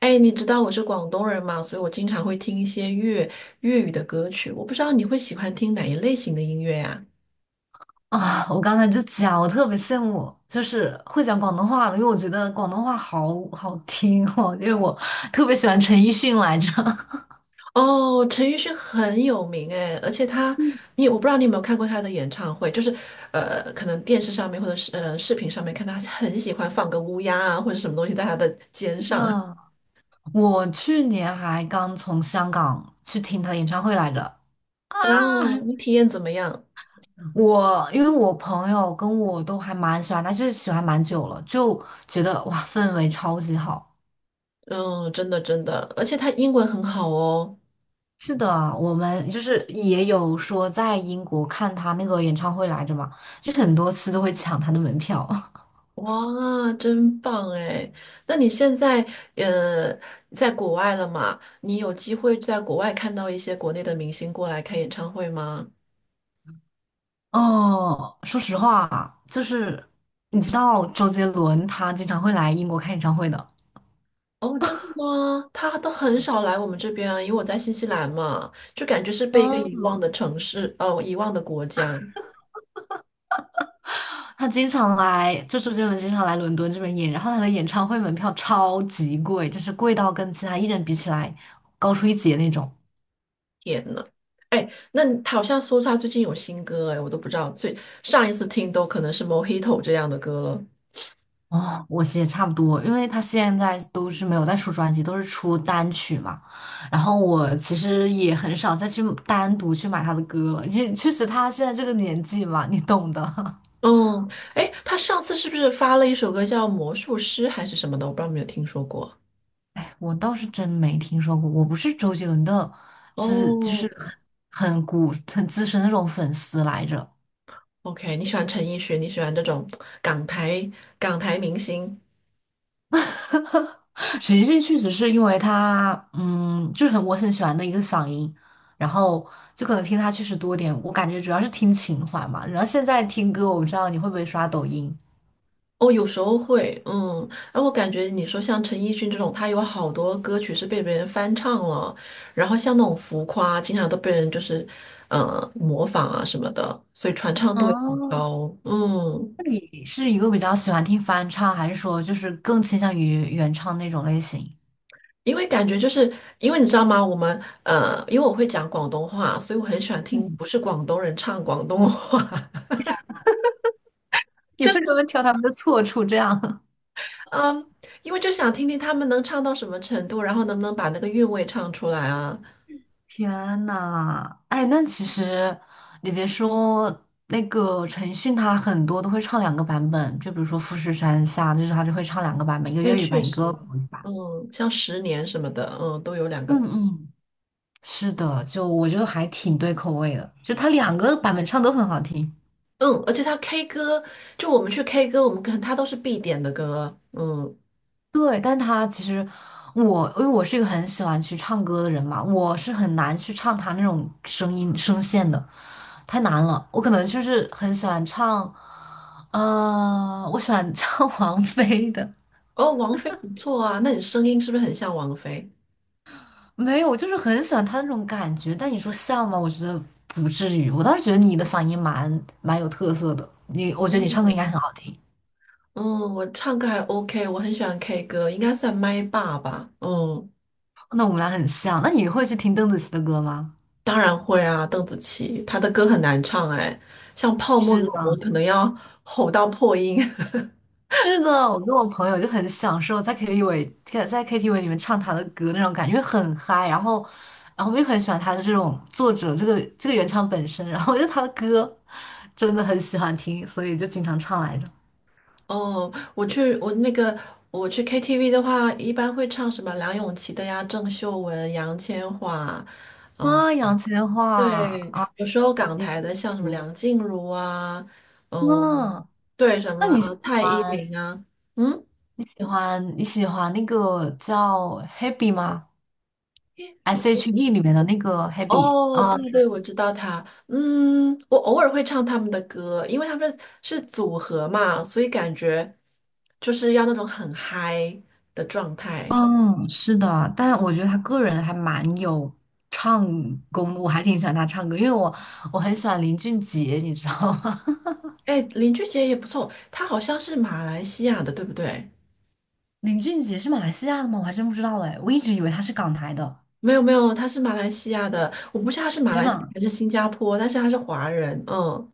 哎，你知道我是广东人嘛，所以我经常会听一些粤语的歌曲。我不知道你会喜欢听哪一类型的音乐呀、啊，我刚才就讲，我特别羡慕，就是会讲广东话的，因为我觉得广东话好好听哦，因为我特别喜欢陈奕迅来着。哦，陈奕迅很有名哎，而且他，我不知道你有没有看过他的演唱会，就是可能电视上面或者是视频上面看到他很喜欢放个乌鸦啊或者什么东西在他的肩 上。嗯，我去年还刚从香港去听他的演唱会来着啊！哦，你体验怎么样？因为我朋友跟我都还蛮喜欢，他，就是喜欢蛮久了，就觉得哇，氛围超级好。嗯，真的真的，而且他英文很好哦。是的，我们就是也有说在英国看他那个演唱会来着嘛，就很多次都会抢他的门票。哇，真棒哎！那你现在呃在国外了嘛？你有机会在国外看到一些国内的明星过来开演唱会吗？哦，说实话，就是你知道周杰伦他经常会来英国开演唱会的，哦，真的吗？他都很少来我们这边啊，因为我在新西兰嘛，就感觉是被一个遗嗯，忘的城市，哦，遗忘的国家。他经常来，就周杰伦经常来伦敦这边演，然后他的演唱会门票超级贵，就是贵到跟其他艺人比起来高出一截那种。天呐，哎，那你好像说他最近有新歌哎，我都不知道，最上一次听都可能是《Mojito》这样的歌了。哦，我其实也差不多，因为他现在都是没有在出专辑，都是出单曲嘛。然后我其实也很少再去单独去买他的歌了，因为确实他现在这个年纪嘛，你懂的。嗯，哎，他上次是不是发了一首歌叫《魔术师》还是什么的？我不知道有没有听说过。我倒是真没听说过，我不是周杰伦的就哦是很资深的那种粉丝来着。，OK，你喜欢陈奕迅，你喜欢这种港台港台明星？陈奕迅确实是因为他，就是我很喜欢的一个嗓音，然后就可能听他确实多点。我感觉主要是听情怀嘛，然后现在听歌，我不知道你会不会刷抖音。哦，有时候会，嗯，哎，我感觉你说像陈奕迅这种，他有好多歌曲是被别人翻唱了，然后像那种浮夸，经常都被人就是模仿啊什么的，所以传唱度也很哦，高。嗯。那你是一个比较喜欢听翻唱，还是说就是更倾向于原唱那种类型？因为感觉就是因为你知道吗？我们因为我会讲广东话，所以我很喜欢听嗯，不是广东人唱广东话，你就为是什么挑他们的错处这样？嗯，因为就想听听他们能唱到什么程度，然后能不能把那个韵味唱出来啊？天呐，哎，那其实你别说，那个陈奕迅，他很多都会唱两个版本，就比如说《富士山下》，就是他就会唱两个版本，一个哎，粤语确版，一个实，国语版。嗯，像十年什么的，嗯，都有两嗯个，嗯，是的，就我觉得还挺对口味的，就他两个版本唱都很好听。嗯，而且他 K 歌，就我们去 K 歌，我们可能他都是必点的歌，嗯，对，但他其实因为我是一个很喜欢去唱歌的人嘛，我是很难去唱他那种声音声线的，太难了，我可能就是很喜欢唱，我喜欢唱 王菲的，哦，王菲不错啊，那你声音是不是很像王菲？没有，我就是很喜欢她那种感觉。但你说像吗？我觉得不至于。我倒是觉得你的嗓音蛮有特色的，我觉得你唱歌哦应该很好听。嗯，我唱歌还 OK，我很喜欢 K 歌，应该算麦霸吧。嗯，那我们俩很像。那你会去听邓紫棋的歌吗？当然会啊，邓紫棋她的歌很难唱哎，像《泡沫》是那种的，我可能要吼到破音。是的，我跟我朋友就很享受在 KTV 里面唱他的歌那种感觉，因为很嗨。然后，我就很喜欢他的这种作者，这个原唱本身，然后就他的歌真的很喜欢听，所以就经常唱来着。哦，我去我那个我去 KTV 的话，一般会唱什么梁咏琪的呀、郑秀文、杨千嬅，嗯，啊，杨千嬅对，啊，有时候港你台的像什么嗯，梁静茹啊，嗯，嗯对，什那么你啊蔡依欢林啊，嗯。喜欢那个叫 Happy 吗？S.H.E 里面的那个 Happy，哦，对对，我知道他。嗯，我偶尔会唱他们的歌，因为他们是组合嘛，所以感觉就是要那种很嗨的状态。嗯，是的，但是我觉得他个人还蛮有唱功的，我还挺喜欢他唱歌，因为我很喜欢林俊杰，你知道吗？哎，林俊杰也不错，他好像是马来西亚的，对不对？林俊杰是马来西亚的吗？我还真不知道哎，我一直以为他是港台的。没有没有，他是马来西亚的，我不知道他是马天来西亚呐！还是新加坡，但是他是华人。嗯，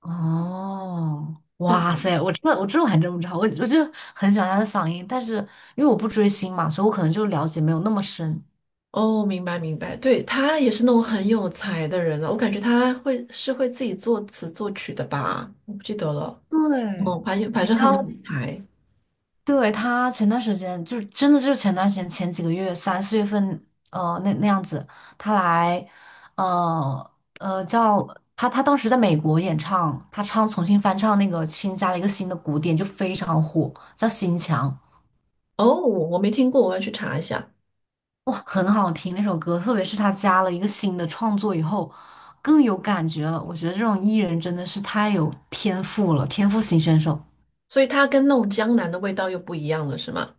哦，对哇的。塞，我还真不知道，我就很喜欢他的嗓音，但是因为我不追星嘛，所以我可能就了解没有那么深。哦，明白明白，对，他也是那种很有才的人了，我感觉他会自己作词作曲的吧，我不记得了。对，哦，反正反你正知很有道才对，他前段时间就是真的就是前段时间前几个月3、4月份，那样子，他来，呃呃，叫他当时在美国演唱，他重新翻唱那个新加了一个新的鼓点，就非常火，叫《心墙》，哦，我没听过，我要去查一下。哇，很好听那首歌，特别是他加了一个新的创作以后，更有感觉了。我觉得这种艺人真的是太有天赋了，天赋型选手。所以它跟那种江南的味道又不一样了，是吗？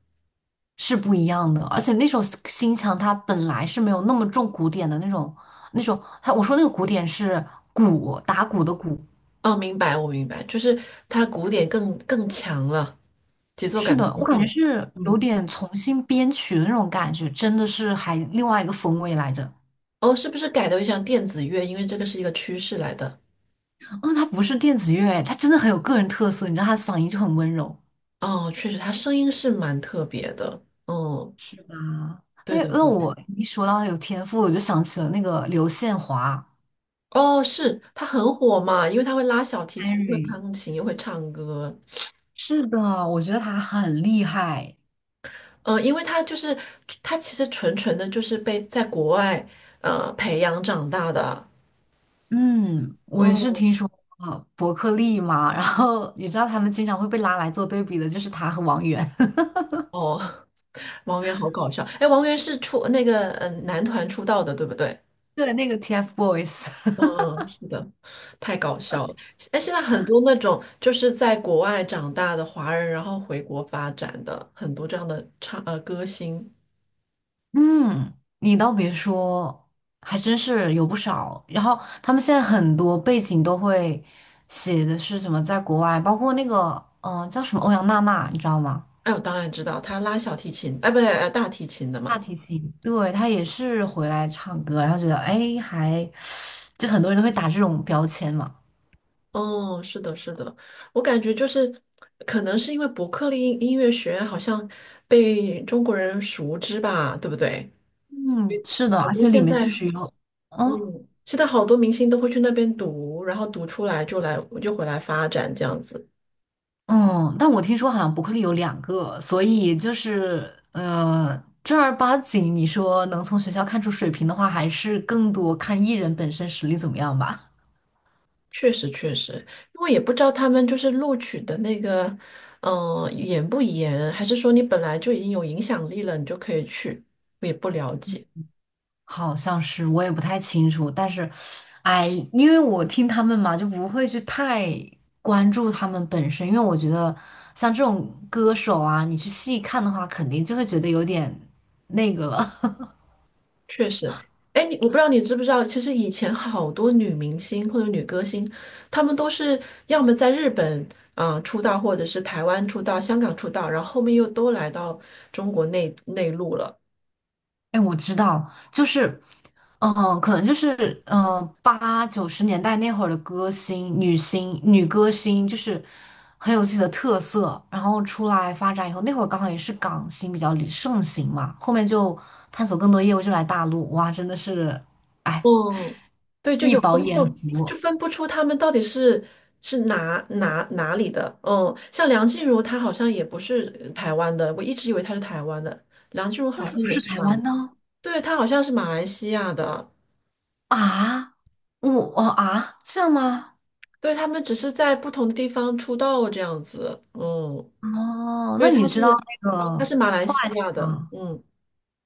是不一样的，而且那首新墙它本来是没有那么重古典的那种，它我说那个古典是鼓打鼓的鼓，哦，明白，我明白，就是它古典更强了，节奏感是的，我更感觉重。是有嗯，点重新编曲的那种感觉，真的是还另外一个风味来着。哦，是不是改的像电子乐？因为这个是一个趋势来的。嗯，他不是电子乐，他真的很有个人特色，你知道他嗓音就很温柔，哦，确实，它声音是蛮特别的。嗯，是吧？对那的，那对对。我一说到有天赋，我就想起了那个刘宪华哦，是，它很火嘛，因为它会拉小提琴，又会，Henry，钢琴，又会唱歌。是的，我觉得他很厉害。呃，因为他就是他其实纯纯的就是被在国外培养长大的。嗯，我也是嗯，听说过伯克利嘛，然后你知道他们经常会被拉来做对比的，就是他和王源，哦，王源好搞笑。哎，王源是出那个男团出道的，对不对？对，那个 TFBOYS。嗯，是的，太搞笑了。哎，现在很多那种就是在国外长大的华人，然后回国发展的很多这样的歌星。嗯，你倒别说，还真是有不少。然后他们现在很多背景都会写的是什么在国外，包括那个叫什么欧阳娜娜，你知道吗？哎，我当然知道，他拉小提琴，哎，不对，呃，大提琴的大嘛。提琴，对，她也是回来唱歌，然后觉得哎，还就很多人都会打这种标签嘛。哦，是的，是的，我感觉就是，可能是因为伯克利音乐学院好像被中国人熟知吧，对不对？嗯，是的，好而多且里现面在，确实有。嗯。嗯，现在好多明星都会去那边读，然后读出来回来发展这样子。嗯，但我听说好像伯克利有两个，所以就是正儿八经你说能从学校看出水平的话，还是更多看艺人本身实力怎么样吧。确实，确实，因为也不知道他们就是录取的那个，严不严，还是说你本来就已经有影响力了，你就可以去，我也不了解。好像是，我也不太清楚，但是，哎，因为我听他们嘛，就不会去太关注他们本身，因为我觉得像这种歌手啊，你去细看的话，肯定就会觉得有点那个了。确实，哎，我不知道你知不知道，其实以前好多女明星或者女歌星，她们都是要么在日本出道，或者是台湾出道、香港出道，然后后面又都来到中国内陆了。哎，我知道，就是，嗯、可能就是，八九十年代那会儿的歌星、女星、女歌星，就是很有自己的特色，然后出来发展以后，那会儿刚好也是港星比较流盛行嘛，后面就探索更多业务，就来大陆，哇，真的是，哎，嗯，对，就一有时饱候眼就就福。分不出她们到底是是哪里的。嗯，像梁静茹，她好像也不是台湾的，我一直以为她是台湾的。梁静茹那好像他不也是是台马，湾的对，她好像是马来西亚的。啊？我哦啊，这样吗？对，他们只是在不同的地方出道这样子。嗯，哦，那对，你他知是道那他个 是马来西 Twice 亚的，吗？嗯，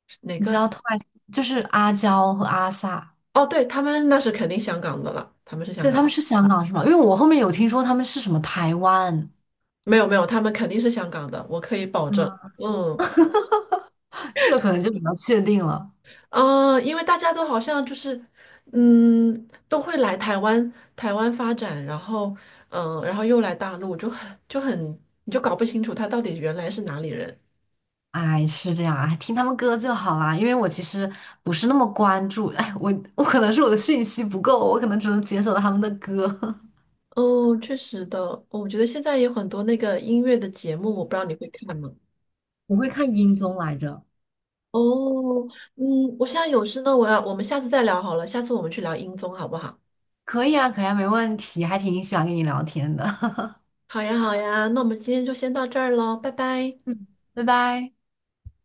是哪你知个？道 Twice 就是阿娇和阿 sa。哦，对，他们那是肯定香港的了，他们是香对，他港，们是香港是吧？因为我后面有听说他们是什么台湾，没有没有，他们肯定是香港的，我可以保证。嗯，嗯，这个可能就比较确定了。呃，因为大家都好像就是，嗯，都会来台湾发展，然后然后又来大陆，就很你就搞不清楚他到底原来是哪里人。哎，是这样，啊，听他们歌就好啦。因为我其实不是那么关注，哎，我可能是我的讯息不够，我可能只能解锁到他们的歌。哦，确实的，我觉得现在有很多那个音乐的节目，我不知道你会看吗？我会看音综来着。哦，嗯，我现在有事呢，我要，我们下次再聊好了，下次我们去聊音综好不好？可以啊，可以啊，没问题，还挺喜欢跟你聊天的。好呀，好呀，那我们今天就先到这儿喽，拜拜。嗯，拜拜。